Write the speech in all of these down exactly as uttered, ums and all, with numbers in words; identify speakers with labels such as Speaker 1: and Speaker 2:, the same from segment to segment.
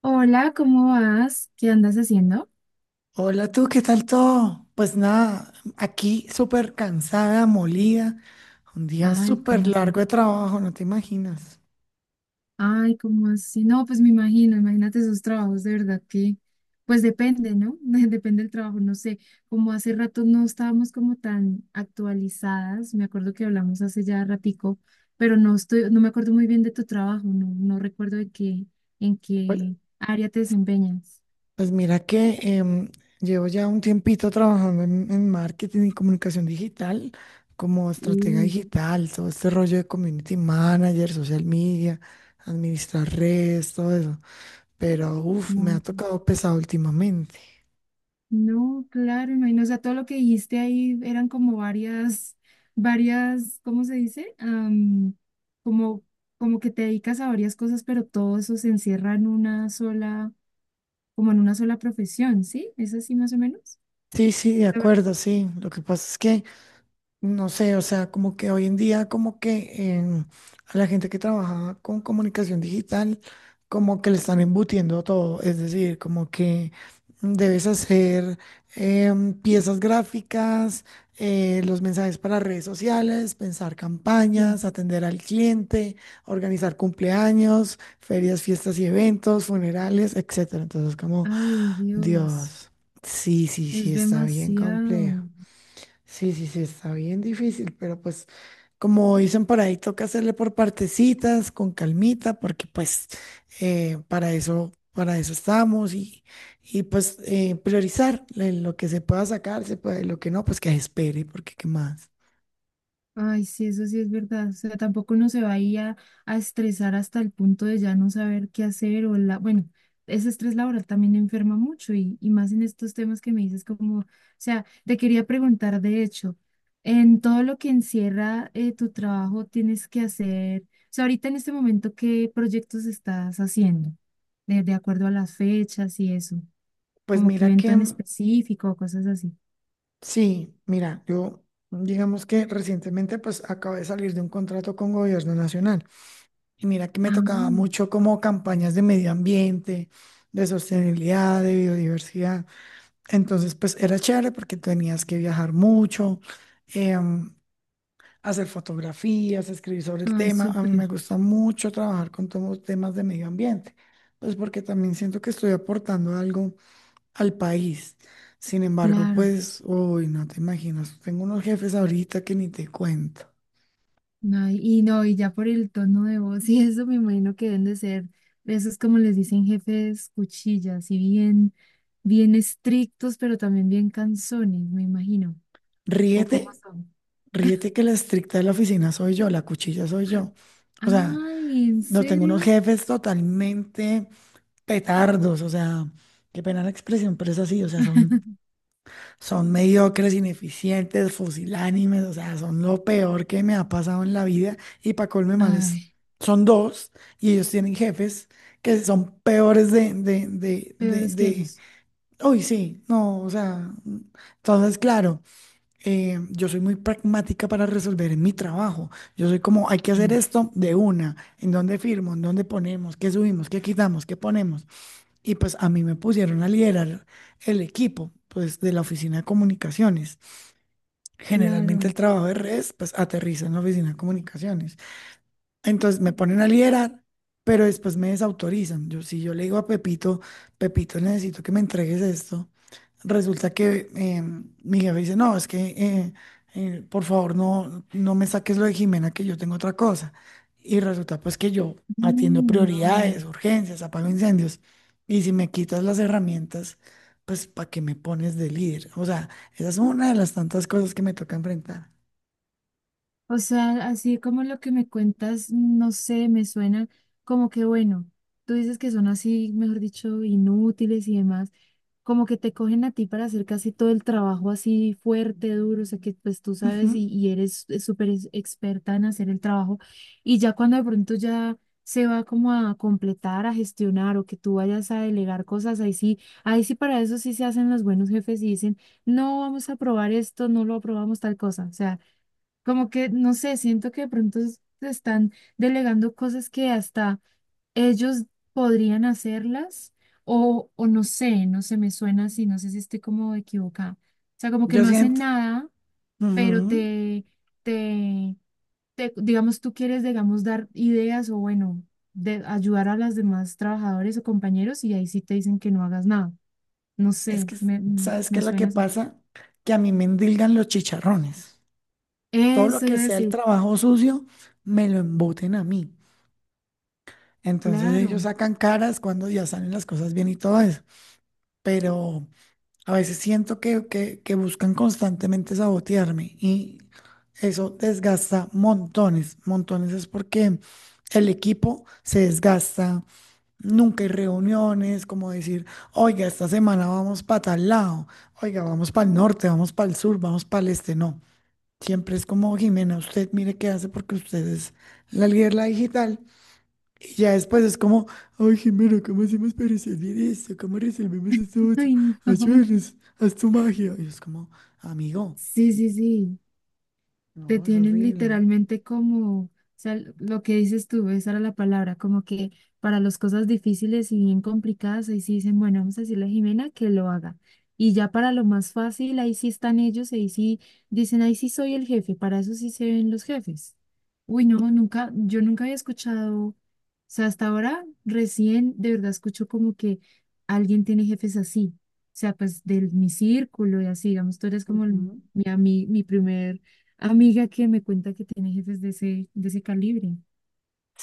Speaker 1: Hola, ¿cómo vas? ¿Qué andas haciendo?
Speaker 2: Hola tú, ¿qué tal todo? Pues nada, aquí súper cansada, molida, un día
Speaker 1: Ay,
Speaker 2: súper
Speaker 1: ¿cómo así?
Speaker 2: largo de trabajo, no te imaginas.
Speaker 1: Ay, ¿cómo así? No, pues me imagino, imagínate esos trabajos, de verdad que, pues depende, ¿no? De- Depende del trabajo, no sé, como hace rato no estábamos como tan actualizadas, me acuerdo que hablamos hace ya ratico, pero no estoy, no me acuerdo muy bien de tu trabajo, no, no recuerdo de qué, en
Speaker 2: Pues,
Speaker 1: qué área te desempeñas.
Speaker 2: pues mira que em, llevo ya un tiempito trabajando en, en marketing y comunicación digital, como estratega
Speaker 1: Mm.
Speaker 2: digital, todo este rollo de community manager, social media, administrar redes, todo eso. Pero uff, me ha tocado pesado últimamente.
Speaker 1: No, claro, imagino, o sea, todo lo que dijiste ahí eran como varias, varias, ¿cómo se dice? Am, como, como que te dedicas a varias cosas, pero todo eso se encierra en una sola, como en una sola profesión, ¿sí? ¿Es así más o menos?
Speaker 2: Sí, sí, de
Speaker 1: O sea,
Speaker 2: acuerdo, sí. Lo que pasa es que no sé, o sea, como que hoy en día, como que em, a la gente que trabaja con comunicación digital, como que le están embutiendo todo, es decir, como que debes hacer em, piezas gráficas, eh, los mensajes para redes sociales, pensar
Speaker 1: sí.
Speaker 2: campañas, atender al cliente, organizar cumpleaños, ferias, fiestas y eventos, funerales, etcétera. Entonces, como,
Speaker 1: Ay, Dios,
Speaker 2: Dios, sí, sí,
Speaker 1: es
Speaker 2: sí, está bien
Speaker 1: demasiado.
Speaker 2: complejo. Sí, sí, sí, está bien difícil, pero pues como dicen por ahí, toca hacerle por partecitas, con calmita, porque pues eh, para eso, para eso estamos y, y pues eh, priorizar le- lo que se pueda sacar, se puede, lo que no, pues que espere, porque qué más.
Speaker 1: Ay, sí, eso sí es verdad. O sea, tampoco uno se va ahí a, a estresar hasta el punto de ya no saber qué hacer o la, bueno, ese estrés laboral también enferma mucho y, y más en estos temas que me dices como, o sea, te quería preguntar, de hecho, en todo lo que encierra eh, tu trabajo tienes que hacer, o sea, ahorita en este momento, ¿qué proyectos estás haciendo? De, de acuerdo a las fechas y eso,
Speaker 2: Pues
Speaker 1: como que
Speaker 2: mira
Speaker 1: evento
Speaker 2: que,
Speaker 1: en
Speaker 2: mm,
Speaker 1: específico o cosas así.
Speaker 2: sí, mira, yo digamos que recientemente pues acabé de salir de un contrato con Gobierno Nacional y mira que me
Speaker 1: Ah,
Speaker 2: tocaba mucho como campañas de medio ambiente, de sostenibilidad, de biodiversidad. Entonces, pues era chévere porque tenías que viajar mucho, em, hacer fotografías, escribir sobre el
Speaker 1: ay,
Speaker 2: tema. A mí
Speaker 1: súper,
Speaker 2: me gusta mucho trabajar con todos los temas de medio ambiente, pues porque también siento que estoy aportando algo al país. Sin embargo,
Speaker 1: claro.
Speaker 2: pues, uy, no te imaginas, tengo unos jefes ahorita que ni te cuento.
Speaker 1: No, y no, y ya por el tono de voz y eso me imagino que deben de ser, esos como les dicen jefes cuchillas, y bien, bien estrictos, pero también bien cansones me imagino. ¿O cómo
Speaker 2: Ríete,
Speaker 1: son?
Speaker 2: ríete que la estricta de la oficina soy yo, la cuchilla soy yo. O sea,
Speaker 1: Ay, ¿en
Speaker 2: no tengo unos
Speaker 1: serio?
Speaker 2: jefes totalmente petardos, o sea, qué pena la expresión, pero es así, o sea, son, son mediocres, ineficientes, fusilánimes, o sea, son lo peor que me ha pasado en la vida y para colme males
Speaker 1: Ay,
Speaker 2: son dos y ellos tienen jefes que son peores de, de, de, de,
Speaker 1: peores que
Speaker 2: de-
Speaker 1: ellos.
Speaker 2: Uy, sí, no, o sea, entonces, claro. eh, yo soy muy pragmática para resolver en mi trabajo. Yo soy como, hay que hacer
Speaker 1: Mm.
Speaker 2: esto de una, en dónde firmo, en dónde ponemos, qué subimos, qué quitamos, qué ponemos. Y pues a mí me pusieron a liderar el equipo, pues de la oficina de comunicaciones. Generalmente el
Speaker 1: Claro.
Speaker 2: trabajo de redes, pues aterriza en la oficina de comunicaciones. Entonces me ponen a liderar, pero después me desautorizan. Yo, si yo le digo a Pepito, Pepito, necesito que me entregues esto, resulta que eh, mi jefe dice, no, es que eh, eh, por favor no, no me saques lo de Jimena, que yo tengo otra cosa. Y resulta pues que yo atiendo
Speaker 1: Mm, no.
Speaker 2: prioridades, urgencias, apago incendios. Y si me quitas las herramientas, pues ¿para qué me pones de líder? O sea, esa es una de las tantas cosas que me toca enfrentar.
Speaker 1: O sea, así como lo que me cuentas, no sé, me suena como que bueno, tú dices que son así, mejor dicho, inútiles y demás. Como que te cogen a ti para hacer casi todo el trabajo así fuerte, duro, o sea que pues tú
Speaker 2: Ujú.
Speaker 1: sabes y, y eres eh, súper ex- experta en hacer el trabajo y ya cuando de pronto ya se va como a completar, a gestionar o que tú vayas a delegar cosas, ahí sí, ahí sí para eso sí se hacen los buenos jefes y dicen, no vamos a aprobar esto, no lo aprobamos tal cosa, o sea, como que no sé, siento que de pronto es- te están delegando cosas que hasta ellos podrían hacerlas o, o no sé, no se me suena así, no sé si estoy como equivocada. O sea, como que
Speaker 2: Yo
Speaker 1: no hacen
Speaker 2: siento...
Speaker 1: nada, pero
Speaker 2: ujú.
Speaker 1: te, te, te- digamos, tú quieres, digamos, dar ideas o bueno, de ayudar a los demás trabajadores o compañeros y ahí sí te dicen que no hagas nada. No
Speaker 2: Es
Speaker 1: sé,
Speaker 2: que,
Speaker 1: me, mm,
Speaker 2: ¿sabes qué
Speaker 1: me
Speaker 2: es lo que
Speaker 1: suena así.
Speaker 2: pasa? Que a mí me endilgan los chicharrones. Todo lo
Speaker 1: Eso
Speaker 2: que
Speaker 1: iba a
Speaker 2: sea el
Speaker 1: decir,
Speaker 2: trabajo sucio, me lo emboten a mí. Entonces ellos
Speaker 1: claro.
Speaker 2: sacan caras cuando ya salen las cosas bien y todo eso. Pero a veces siento que, que, que buscan constantemente sabotearme y eso desgasta montones, montones. Es porque el equipo se desgasta, nunca hay reuniones, como decir, oiga, esta semana vamos para tal lado, oiga, vamos para el norte, vamos para el sur, vamos para el este, no. Siempre es como, Jimena, usted mire qué hace porque usted es la líder, la digital. Y ya después es como, ay, Jimena, ¿cómo hacemos para resolver esto? ¿Cómo resolvemos esto otro?
Speaker 1: Ay, no.
Speaker 2: Ayúdenos, haz tu magia. Y es como, amigo,
Speaker 1: Sí, sí, sí. Te
Speaker 2: no, es
Speaker 1: tienen
Speaker 2: horrible.
Speaker 1: literalmente como, o sea, lo que dices tú, esa era la palabra, como que para las cosas difíciles y bien complicadas, ahí sí dicen, bueno, vamos a decirle a Jimena que lo haga. Y ya para lo más fácil, ahí sí están ellos, ahí sí dicen, ahí sí soy el jefe, para eso sí se ven los jefes. Uy, no, nunca, yo nunca había escuchado, o sea, hasta ahora recién de verdad escucho como que alguien tiene jefes así, o sea, pues de mi círculo y así, digamos, tú eres como el-
Speaker 2: Ujú.
Speaker 1: mi, ami- mi primer amiga que me cuenta que tiene jefes de ese, de ese calibre,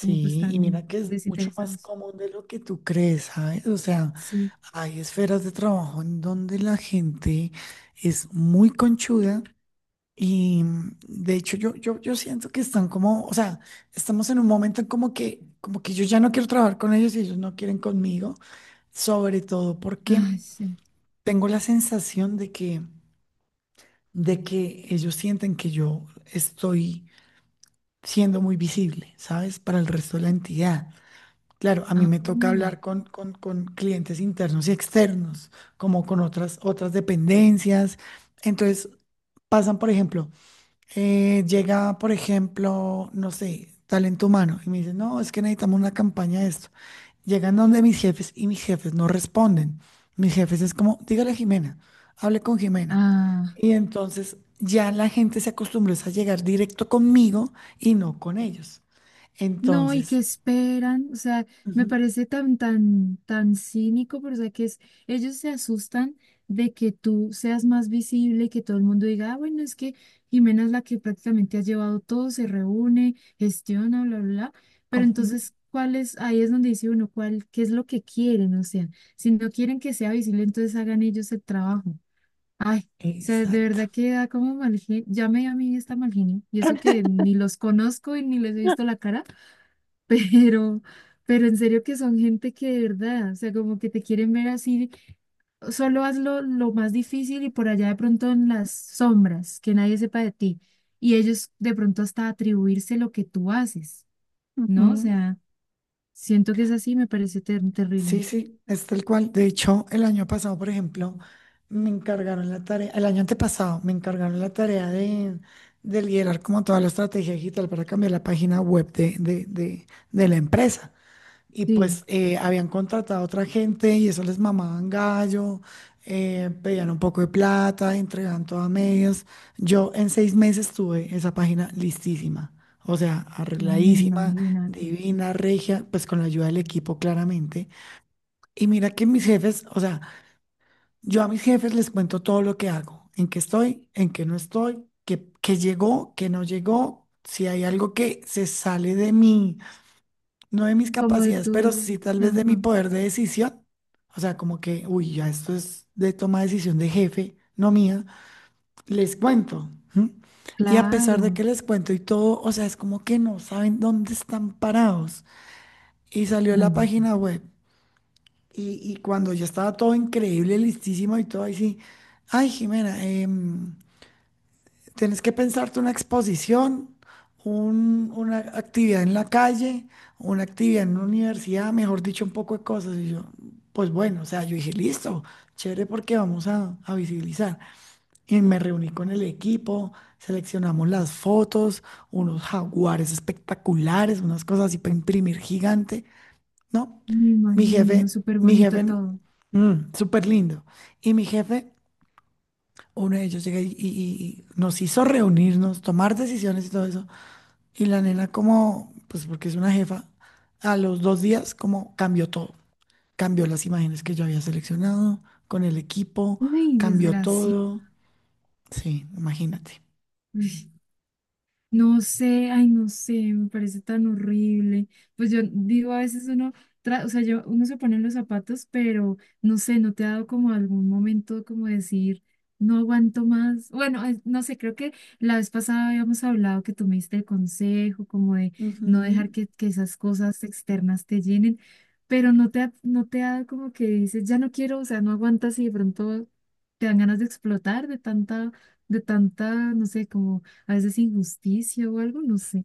Speaker 1: como pues
Speaker 2: y
Speaker 1: tan
Speaker 2: mira que es mucho más
Speaker 1: desinteresados.
Speaker 2: común de lo que tú crees, ¿sabes? O sea,
Speaker 1: Sí.
Speaker 2: hay esferas de trabajo en donde la gente es muy conchuda y mm, de hecho yo, yo, yo siento que están como, o sea, estamos en un momento como que, como que yo ya no quiero trabajar con ellos y ellos no quieren conmigo, sobre todo porque
Speaker 1: Ay, sí.
Speaker 2: tengo la sensación de que, de que ellos sienten que yo estoy siendo muy visible, ¿sabes? Para el resto de la entidad. Claro, a mí
Speaker 1: Ah,
Speaker 2: me toca hablar con, con, con clientes internos y externos, como con otras, otras dependencias. Entonces, pasan, por ejemplo, eh, llega, por ejemplo, no sé, talento humano y me dicen, no, es que necesitamos una campaña de esto. Llegan donde mis jefes y mis jefes no responden. Mis jefes es como, dígale a Jimena, hable con Jimena.
Speaker 1: ah,
Speaker 2: Y entonces ya la gente se acostumbró es a llegar directo conmigo y no con ellos.
Speaker 1: No, y que
Speaker 2: Entonces,
Speaker 1: esperan, o sea, me
Speaker 2: ujú,
Speaker 1: parece tan, tan, tan cínico, pero o sea, que es, ellos se asustan de que tú seas más visible y que todo el mundo diga, ah, bueno, es que Jimena es la que prácticamente ha llevado todo, se reúne, gestiona, bla, bla, bla, pero
Speaker 2: ujú.
Speaker 1: entonces, ¿cuál es? Ahí es donde dice uno, ¿cuál, qué es lo que quieren? O sea, si no quieren que sea visible, entonces hagan ellos el trabajo. Ay, o sea, de
Speaker 2: Exacto.
Speaker 1: verdad que da como mal genio, ya me dio a mí esta mal genio, y eso que ni los conozco y ni les he visto la cara. Pero, pero en serio que son gente que de verdad, o sea, como que te quieren ver así, solo hazlo lo más difícil y por allá de pronto en las sombras, que nadie sepa de ti. Y ellos de pronto hasta atribuirse lo que tú haces, ¿no? O
Speaker 2: Ujú.
Speaker 1: sea, siento que es así, me parece ter- terrible.
Speaker 2: Sí, sí, es tal cual. De hecho, el año pasado, por ejemplo, me encargaron la tarea, el año antepasado, me encargaron la tarea de, de liderar como toda la estrategia digital para cambiar la página web de, de, de, de la empresa. Y
Speaker 1: Sí,
Speaker 2: pues eh, habían contratado a otra gente y eso les mamaban gallo, eh, pedían un poco de plata, entregaban todo a medias. Yo en seis meses tuve esa página listísima, o sea,
Speaker 1: bueno,
Speaker 2: arregladísima,
Speaker 1: imagínate.
Speaker 2: divina, regia, pues con la ayuda del equipo claramente. Y mira que mis jefes, o sea, yo a mis jefes les cuento todo lo que hago, en qué estoy, en qué no estoy, qué, qué llegó, qué no llegó, si hay algo que se sale de mí no de mis
Speaker 1: Como de
Speaker 2: capacidades,
Speaker 1: tu,
Speaker 2: pero sí tal vez de mi
Speaker 1: ajá,
Speaker 2: poder de decisión. O sea, como que, uy, ya esto es de toma de decisión de jefe, no mía. Les cuento. ¿M? Y a pesar de
Speaker 1: claro,
Speaker 2: que les cuento y todo, o sea, es como que no saben dónde están parados. Y salió
Speaker 1: ay,
Speaker 2: la
Speaker 1: no sé.
Speaker 2: página web. Y, y cuando ya estaba todo increíble, listísimo y todo, ahí sí, ay, Jimena, em, tienes que pensarte una exposición, un- una actividad en la calle, una actividad en una universidad, mejor dicho, un poco de cosas. Y yo, pues bueno, o sea, yo dije, listo, chévere porque vamos a, a visibilizar. Y me reuní con el equipo, seleccionamos las fotos, unos jaguares espectaculares, unas cosas así para imprimir gigante, ¿no?
Speaker 1: Me
Speaker 2: Mi
Speaker 1: imagino,
Speaker 2: jefe,
Speaker 1: súper
Speaker 2: mi
Speaker 1: bonito
Speaker 2: jefe,
Speaker 1: todo.
Speaker 2: mm, súper lindo. Y mi jefe uno de ellos llega y, y- y nos hizo reunirnos, tomar decisiones y todo eso. Y la nena como, pues porque es una jefa, a los dos días como cambió todo. Cambió las imágenes que yo había seleccionado con el equipo,
Speaker 1: Ay,
Speaker 2: cambió
Speaker 1: desgracia.
Speaker 2: todo. Sí, imagínate.
Speaker 1: No sé, ay, no sé, me parece tan horrible. Pues yo digo, a veces uno, tra- o sea, yo, uno se pone en los zapatos, pero no sé, no te ha dado como algún momento como decir, no aguanto más. Bueno, eh, no sé, creo que la vez pasada habíamos hablado que tú me diste el consejo, como de no
Speaker 2: Ujú.
Speaker 1: dejar que, que esas cosas externas te llenen, pero no te ha, no te ha dado como que dices, ya no quiero, o sea, no aguantas y de pronto te dan ganas de explotar de tanta, de tanta, no sé, como a veces injusticia o algo, no sé.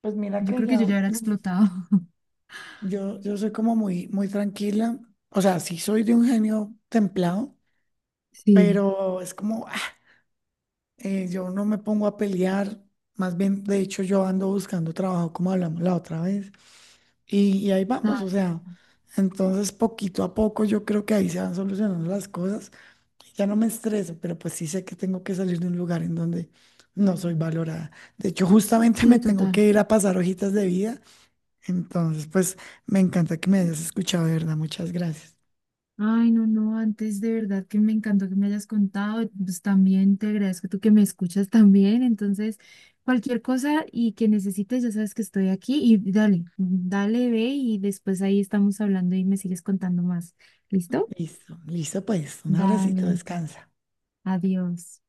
Speaker 2: Pues mira
Speaker 1: Yo
Speaker 2: que
Speaker 1: creo que yo
Speaker 2: ya,
Speaker 1: ya era explotado.
Speaker 2: yo, yo soy como muy, muy tranquila. O sea, sí soy de un genio templado,
Speaker 1: Sí,
Speaker 2: pero es como eh, yo no me pongo a pelear, más bien, de hecho, yo ando buscando trabajo, como hablamos la otra vez, y, y ahí vamos,
Speaker 1: ah,
Speaker 2: o sea, entonces poquito a poco yo creo que ahí se van solucionando las cosas, ya no me estreso, pero pues sí sé que tengo que salir de un lugar en donde no soy valorada. De hecho, justamente me
Speaker 1: sí,
Speaker 2: tengo
Speaker 1: total.
Speaker 2: que ir a pasar hojitas de vida, entonces pues me encanta que me hayas escuchado, de verdad, muchas gracias.
Speaker 1: Ay, no, no, antes de verdad que me encantó que me hayas contado, pues también te agradezco tú que me escuchas también, entonces cualquier cosa y que necesites, ya sabes que estoy aquí y dale, dale, ve y después ahí estamos hablando y me sigues contando más. ¿Listo?
Speaker 2: Listo, listo pues, un abracito,
Speaker 1: Dale,
Speaker 2: descansa.
Speaker 1: adiós.